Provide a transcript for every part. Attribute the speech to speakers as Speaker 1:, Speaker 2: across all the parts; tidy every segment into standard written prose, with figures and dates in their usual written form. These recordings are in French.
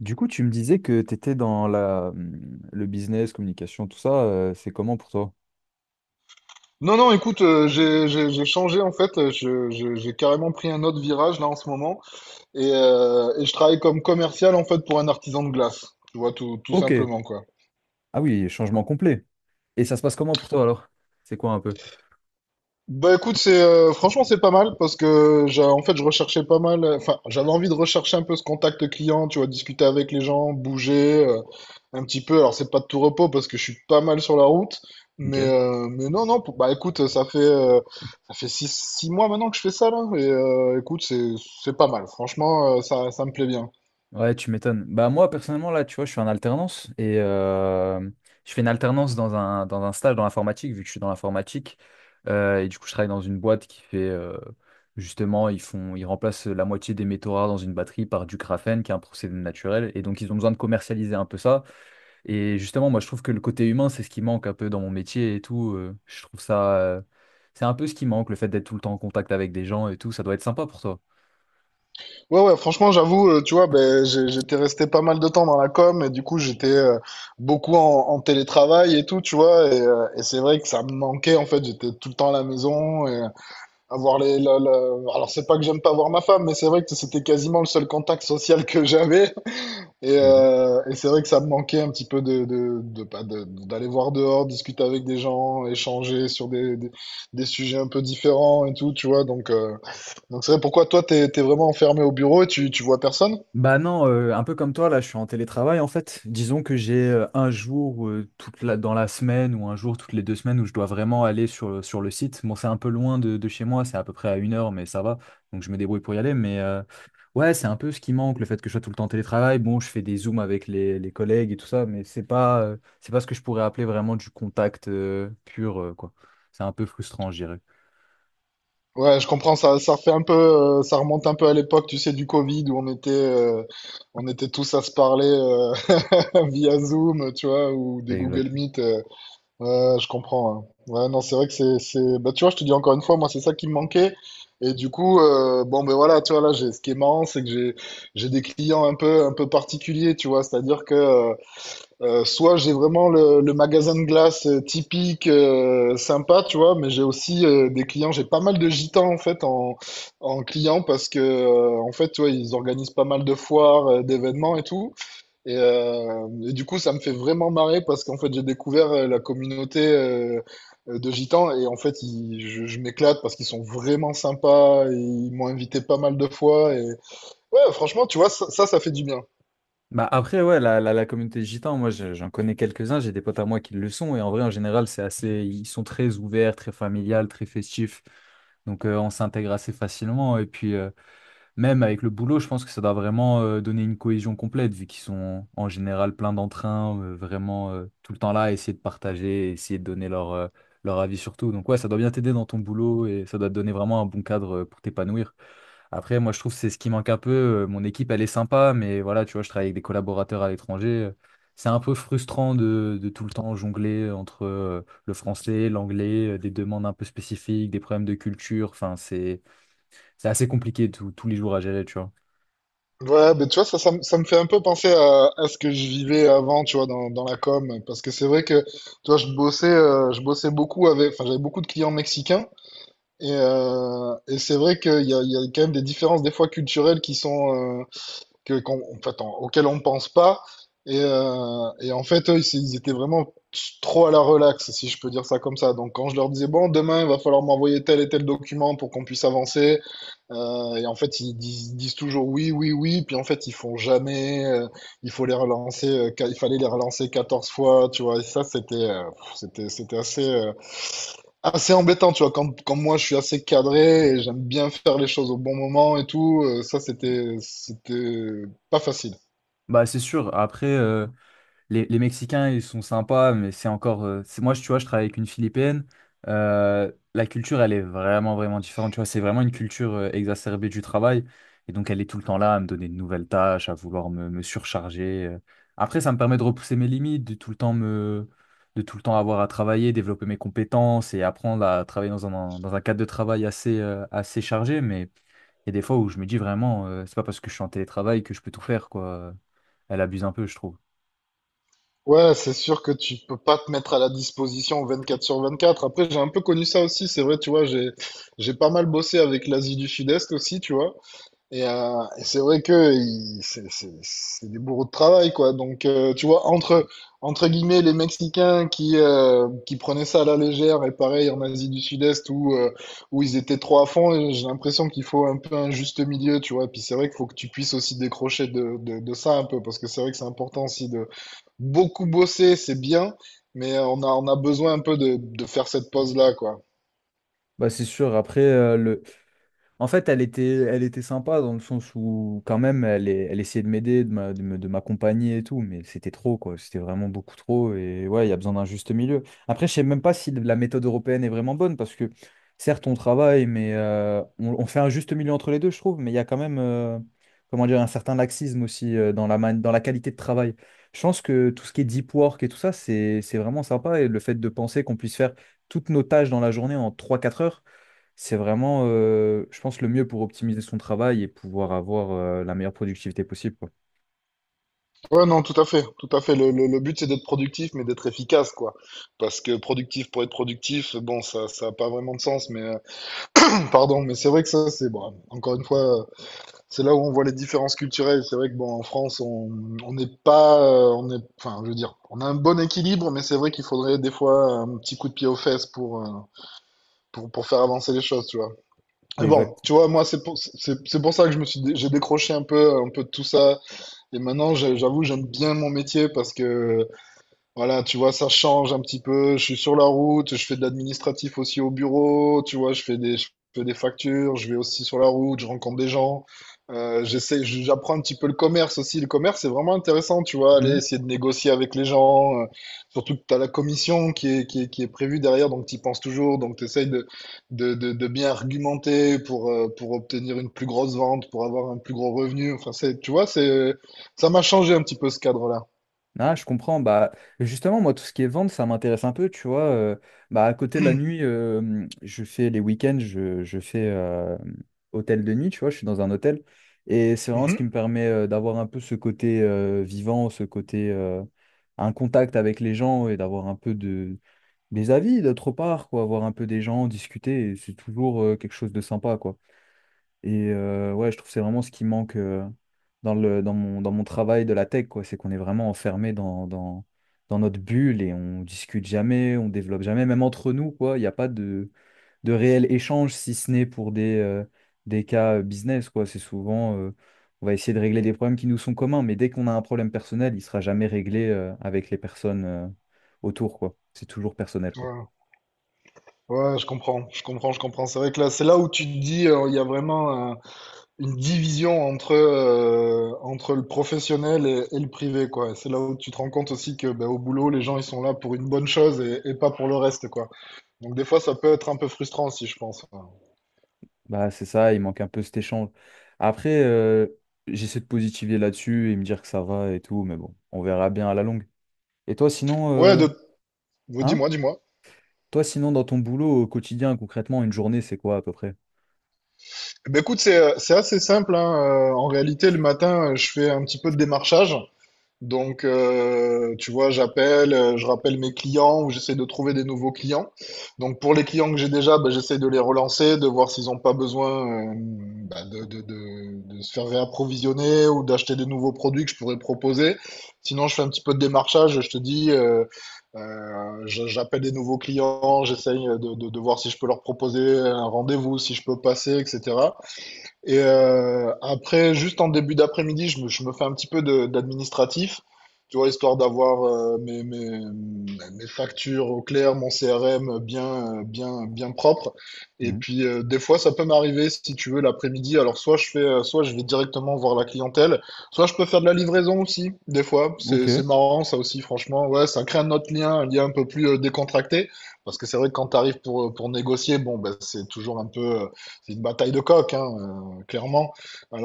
Speaker 1: Du coup, tu me disais que tu étais dans la, le business, communication, tout ça, c'est comment pour toi?
Speaker 2: Non, non, écoute, j'ai changé en fait. J'ai carrément pris un autre virage là en ce moment et je travaille comme commercial en fait pour un artisan de glace. Tu vois, tout, tout
Speaker 1: Ok.
Speaker 2: simplement quoi.
Speaker 1: Ah oui, changement complet. Et ça se passe comment pour toi alors? C'est quoi un peu?
Speaker 2: Bah écoute, c'est franchement c'est pas mal parce que en fait je recherchais pas mal, enfin j'avais envie de rechercher un peu ce contact client, tu vois, discuter avec les gens, bouger un petit peu. Alors c'est pas de tout repos parce que je suis pas mal sur la route, mais
Speaker 1: Ok.
Speaker 2: non non, bah écoute, ça fait 6 mois maintenant que je fais ça là et écoute c'est pas mal. Franchement ça me plaît bien.
Speaker 1: Ouais, tu m'étonnes. Bah moi, personnellement, là, tu vois, je suis en alternance et je fais une alternance dans un stage dans l'informatique, vu que je suis dans l'informatique. Et du coup, je travaille dans une boîte qui fait, justement, ils font, ils remplacent la moitié des métaux rares dans une batterie par du graphène, qui est un procédé naturel. Et donc, ils ont besoin de commercialiser un peu ça. Et justement, moi, je trouve que le côté humain, c'est ce qui manque un peu dans mon métier et tout. Je trouve ça, c'est un peu ce qui manque, le fait d'être tout le temps en contact avec des gens et tout. Ça doit être sympa pour toi.
Speaker 2: Ouais, ouais, franchement, j'avoue, tu vois, ben, j'étais resté pas mal de temps dans la com et du coup, j'étais beaucoup en télétravail et tout, tu vois, et c'est vrai que ça me manquait, en fait, j'étais tout le temps à la maison et avoir alors c'est pas que j'aime pas voir ma femme, mais c'est vrai que c'était quasiment le seul contact social que j'avais
Speaker 1: Mm.
Speaker 2: et c'est vrai que ça me manquait un petit peu de, pas de, d'aller voir dehors, discuter avec des gens, échanger sur des sujets un peu différents et tout, tu vois, donc c'est vrai, pourquoi toi, t'es vraiment enfermé au bureau et tu vois personne?
Speaker 1: Bah non, un peu comme toi, là, je suis en télétravail en fait. Disons que j'ai un jour, toute la, dans la semaine ou un jour toutes les deux semaines où je dois vraiment aller sur, sur le site. Bon, c'est un peu loin de chez moi, c'est à peu près à une heure, mais ça va. Donc je me débrouille pour y aller. Mais ouais, c'est un peu ce qui manque, le fait que je sois tout le temps en télétravail. Bon, je fais des zooms avec les collègues et tout ça, mais c'est pas, c'est pas ce que je pourrais appeler vraiment du contact pur, quoi. C'est un peu frustrant, je dirais.
Speaker 2: Ouais, je comprends, ça fait un peu, ça remonte un peu à l'époque, tu sais, du Covid, où on était tous à se parler via Zoom, tu vois, ou des Google Meet. Ouais, je comprends, hein. Ouais, non, c'est vrai que bah, tu vois, je te dis encore une fois, moi, c'est ça qui me manquait. Et du coup, bon, ben voilà, tu vois, là, ce qui est marrant, c'est que j'ai des clients un peu particuliers, tu vois, c'est-à-dire que soit j'ai vraiment le magasin de glace typique, sympa, tu vois, mais j'ai aussi des clients, j'ai pas mal de gitans en fait en clients parce que en fait, tu vois, ils organisent pas mal de foires, d'événements et tout. Et du coup, ça me fait vraiment marrer parce qu'en fait, j'ai découvert la communauté de gitans et en fait, je m'éclate parce qu'ils sont vraiment sympas, et ils m'ont invité pas mal de fois et ouais, franchement, tu vois, ça fait du bien.
Speaker 1: Bah après, ouais, la communauté gitane moi j'en connais quelques-uns, j'ai des potes à moi qui le sont, et en vrai, en général, c'est assez, ils sont très ouverts, très familial, très festifs, donc on s'intègre assez facilement, et puis même avec le boulot, je pense que ça doit vraiment donner une cohésion complète, vu qu'ils sont en général plein d'entrain, vraiment tout le temps là, à essayer de partager, essayer de donner leur, leur avis sur tout, donc ouais, ça doit bien t'aider dans ton boulot, et ça doit te donner vraiment un bon cadre pour t'épanouir. Après, moi, je trouve que c'est ce qui manque un peu. Mon équipe, elle est sympa, mais voilà, tu vois, je travaille avec des collaborateurs à l'étranger. C'est un peu frustrant de tout le temps jongler entre le français, l'anglais, des demandes un peu spécifiques, des problèmes de culture. Enfin, c'est assez compliqué tous les jours à gérer, tu vois.
Speaker 2: Ouais, mais tu vois, ça me fait un peu penser à ce que je vivais avant, tu vois, dans la com. Parce que c'est vrai que, tu vois, je bossais beaucoup avec, enfin, j'avais beaucoup de clients mexicains. Et c'est vrai qu'il y a quand même des différences, des fois, culturelles qui sont, en fait, auquel on ne pense pas. Et en fait, eux, ils étaient vraiment trop à la relaxe, si je peux dire ça comme ça. Donc, quand je leur disais, bon, demain, il va falloir m'envoyer tel et tel document pour qu'on puisse avancer, et en fait, disent toujours oui, oui, oui, puis en fait, ils font jamais, il faut les relancer, il fallait les relancer 14 fois, tu vois, et ça, c'était assez, assez embêtant, tu vois, quand moi je suis assez cadré et j'aime bien faire les choses au bon moment et tout, ça c'était pas facile.
Speaker 1: Bah, c'est sûr. Après, les Mexicains, ils sont sympas, mais c'est encore. C'est, moi, tu vois, je travaille avec une Philippine. La culture, elle est vraiment, vraiment différente. Tu vois, c'est vraiment une culture exacerbée du travail. Et donc, elle est tout le temps là à me donner de nouvelles tâches, à vouloir me, me surcharger. Après, ça me permet de repousser mes limites, de tout le temps me, de tout le temps avoir à travailler, développer mes compétences et apprendre à travailler dans un cadre de travail assez, assez chargé. Mais il y a des fois où je me dis vraiment, c'est pas parce que je suis en télétravail que je peux tout faire, quoi. Elle abuse un peu, je trouve.
Speaker 2: Ouais, c'est sûr que tu peux pas te mettre à la disposition 24 sur 24. Après, j'ai un peu connu ça aussi, c'est vrai, tu vois, j'ai pas mal bossé avec l'Asie du Sud-Est aussi, tu vois. Et c'est vrai que c'est des bourreaux de travail, quoi. Donc, tu vois, entre guillemets, les Mexicains qui prenaient ça à la légère, et pareil en Asie du Sud-Est où ils étaient trop à fond, et j'ai l'impression qu'il faut un peu un juste milieu, tu vois. Et puis c'est vrai qu'il faut que tu puisses aussi décrocher de ça un peu, parce que c'est vrai que c'est important aussi de beaucoup bosser, c'est bien, mais on a besoin un peu de faire cette pause-là, quoi.
Speaker 1: Bah c'est sûr, après. En fait, elle était sympa dans le sens où, quand même, elle essayait de m'aider, de m'accompagner et tout, mais c'était trop, quoi. C'était vraiment beaucoup trop. Et ouais, il y a besoin d'un juste milieu. Après, je sais même pas si la méthode européenne est vraiment bonne parce que, certes, on travaille, mais on fait un juste milieu entre les deux, je trouve. Mais il y a quand même, comment dire, un certain laxisme aussi dans la, dans la qualité de travail. Je pense que tout ce qui est deep work et tout ça, c'est vraiment sympa. Et le fait de penser qu'on puisse faire toutes nos tâches dans la journée en trois quatre heures. C'est vraiment, je pense, le mieux pour optimiser son travail et pouvoir avoir la meilleure productivité possible, quoi.
Speaker 2: Ouais, non, tout à fait, tout à fait. Le but, c'est d'être productif, mais d'être efficace, quoi. Parce que productif pour être productif, bon, ça a pas vraiment de sens, mais pardon, mais c'est vrai que ça, c'est bon. Encore une fois, c'est là où on voit les différences culturelles. C'est vrai que bon, en France, on n'est pas, on est, enfin, je veux dire, on a un bon équilibre, mais c'est vrai qu'il faudrait des fois un petit coup de pied aux fesses pour faire avancer les choses, tu vois.
Speaker 1: C'est
Speaker 2: Mais bon,
Speaker 1: exact.
Speaker 2: tu vois, moi, c'est pour ça que je me suis, dé- j'ai décroché un peu de tout ça. Et maintenant, j'avoue, j'aime bien mon métier parce que voilà, tu vois, ça change un petit peu. Je suis sur la route, je fais de l'administratif aussi au bureau, tu vois, je fais des factures, je vais aussi sur la route, je rencontre des gens. J'apprends un petit peu le commerce aussi. Le commerce, c'est vraiment intéressant, tu vois, aller
Speaker 1: Mhm.
Speaker 2: essayer de négocier avec les gens. Surtout que tu as la commission qui est prévue derrière, donc tu y penses toujours. Donc tu essayes de bien argumenter pour obtenir une plus grosse vente, pour avoir un plus gros revenu. Enfin, tu vois, ça m'a changé un petit peu ce cadre-là.
Speaker 1: Ah, je comprends. Bah, justement, moi, tout ce qui est vente, ça m'intéresse un peu, tu vois. Bah, à côté de la nuit, je fais les week-ends, je fais hôtel de nuit, tu vois, je suis dans un hôtel. Et c'est vraiment ce
Speaker 2: Mhm.
Speaker 1: qui me permet d'avoir un peu ce côté vivant, ce côté, un contact avec les gens et d'avoir un peu de, des avis d'autre part, quoi, voir un peu des gens, discuter, et c'est toujours quelque chose de sympa, quoi. Et ouais, je trouve que c'est vraiment ce qui manque dans le, dans mon travail de la tech, quoi, c'est qu'on est vraiment enfermé dans, dans, dans notre bulle et on discute jamais, on développe jamais, même entre nous, quoi, il n'y a pas de, de réel échange, si ce n'est pour des cas business, quoi. C'est souvent, on va essayer de régler des problèmes qui nous sont communs, mais dès qu'on a un problème personnel, il sera jamais réglé avec les personnes autour, quoi. C'est toujours personnel, quoi.
Speaker 2: Ouais. Ouais, je comprends, je comprends, je comprends. C'est vrai que là, c'est là où tu te dis, il y a vraiment une division entre le professionnel et le privé, quoi. Et c'est là où tu te rends compte aussi que, ben, au boulot, les gens, ils sont là pour une bonne chose et pas pour le reste, quoi. Donc, des fois, ça peut être un peu frustrant aussi, je pense.
Speaker 1: Bah, c'est ça, il manque un peu cet échange. Après, j'essaie de positiver là-dessus et me dire que ça va et tout, mais bon, on verra bien à la longue. Et toi, sinon,
Speaker 2: Ouais,
Speaker 1: euh, hein?
Speaker 2: dis-moi, dis-moi.
Speaker 1: Toi, sinon, dans ton boulot au quotidien, concrètement, une journée, c'est quoi à peu près?
Speaker 2: Eh ben, écoute, c'est assez simple, hein. En réalité, le matin, je fais un petit peu de démarchage. Donc, tu vois, je rappelle mes clients ou j'essaie de trouver des nouveaux clients. Donc, pour les clients que j'ai déjà, bah, j'essaie de les relancer, de voir s'ils n'ont pas besoin bah, de se faire réapprovisionner ou d'acheter des nouveaux produits que je pourrais proposer. Sinon, je fais un petit peu de démarchage. Je te dis, j'appelle des nouveaux clients, j'essaye de voir si je peux leur proposer un rendez-vous, si je peux passer, etc. Et après, juste en début d'après-midi, je me fais un petit peu d'administratif, tu vois, histoire d'avoir mes factures au clair, mon CRM bien propre. Et
Speaker 1: Mhm.
Speaker 2: puis, des fois, ça peut m'arriver, si tu veux, l'après-midi. Alors, soit je vais directement voir la clientèle, soit je peux faire de la livraison aussi, des fois.
Speaker 1: Ok,
Speaker 2: C'est marrant, ça aussi, franchement. Ouais, ça crée un autre lien un peu plus décontracté. Parce que c'est vrai que quand tu arrives pour négocier, bon, ben, c'est toujours c'est une bataille de coq, hein. Clairement.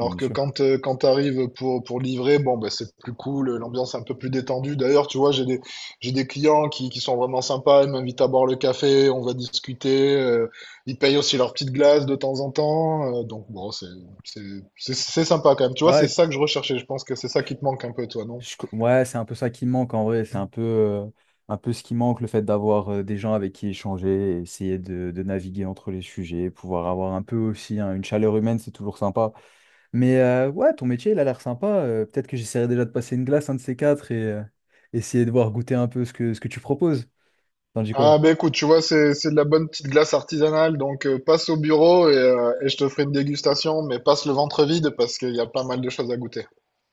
Speaker 1: non, bien
Speaker 2: que
Speaker 1: sûr.
Speaker 2: quand tu arrives pour livrer, bon, bah, c'est plus cool, l'ambiance est un peu plus détendue. D'ailleurs, tu vois, j'ai des clients qui sont vraiment sympas, ils m'invitent à boire le café, on va discuter. Ils payent aussi leur petite glace de temps en temps. Donc, bon, c'est, c'est sympa quand même. Tu vois, c'est
Speaker 1: Ouais,
Speaker 2: ça que je recherchais. Je pense que c'est ça
Speaker 1: je-
Speaker 2: qui te manque un peu, toi, non?
Speaker 1: ouais, c'est un peu ça qui me manque en vrai. C'est un peu ce qui manque, le fait d'avoir des gens avec qui échanger, essayer de naviguer entre les sujets, pouvoir avoir un peu aussi hein, une chaleur humaine, c'est toujours sympa. Mais ouais, ton métier, il a l'air sympa. Peut-être que j'essaierai déjà de passer une glace, un de ces quatre, et essayer de voir goûter un peu ce que tu proposes. T'en dis quoi?
Speaker 2: Ah, bah écoute, tu vois, c'est de la bonne petite glace artisanale. Donc, passe au bureau et je te ferai une dégustation, mais passe le ventre vide parce qu'il y a pas mal de choses à goûter.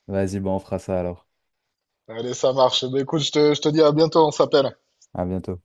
Speaker 1: Vas-y, bon, on fera ça alors.
Speaker 2: Allez, ça marche. Ben, écoute, je te dis à bientôt, on s'appelle.
Speaker 1: À bientôt.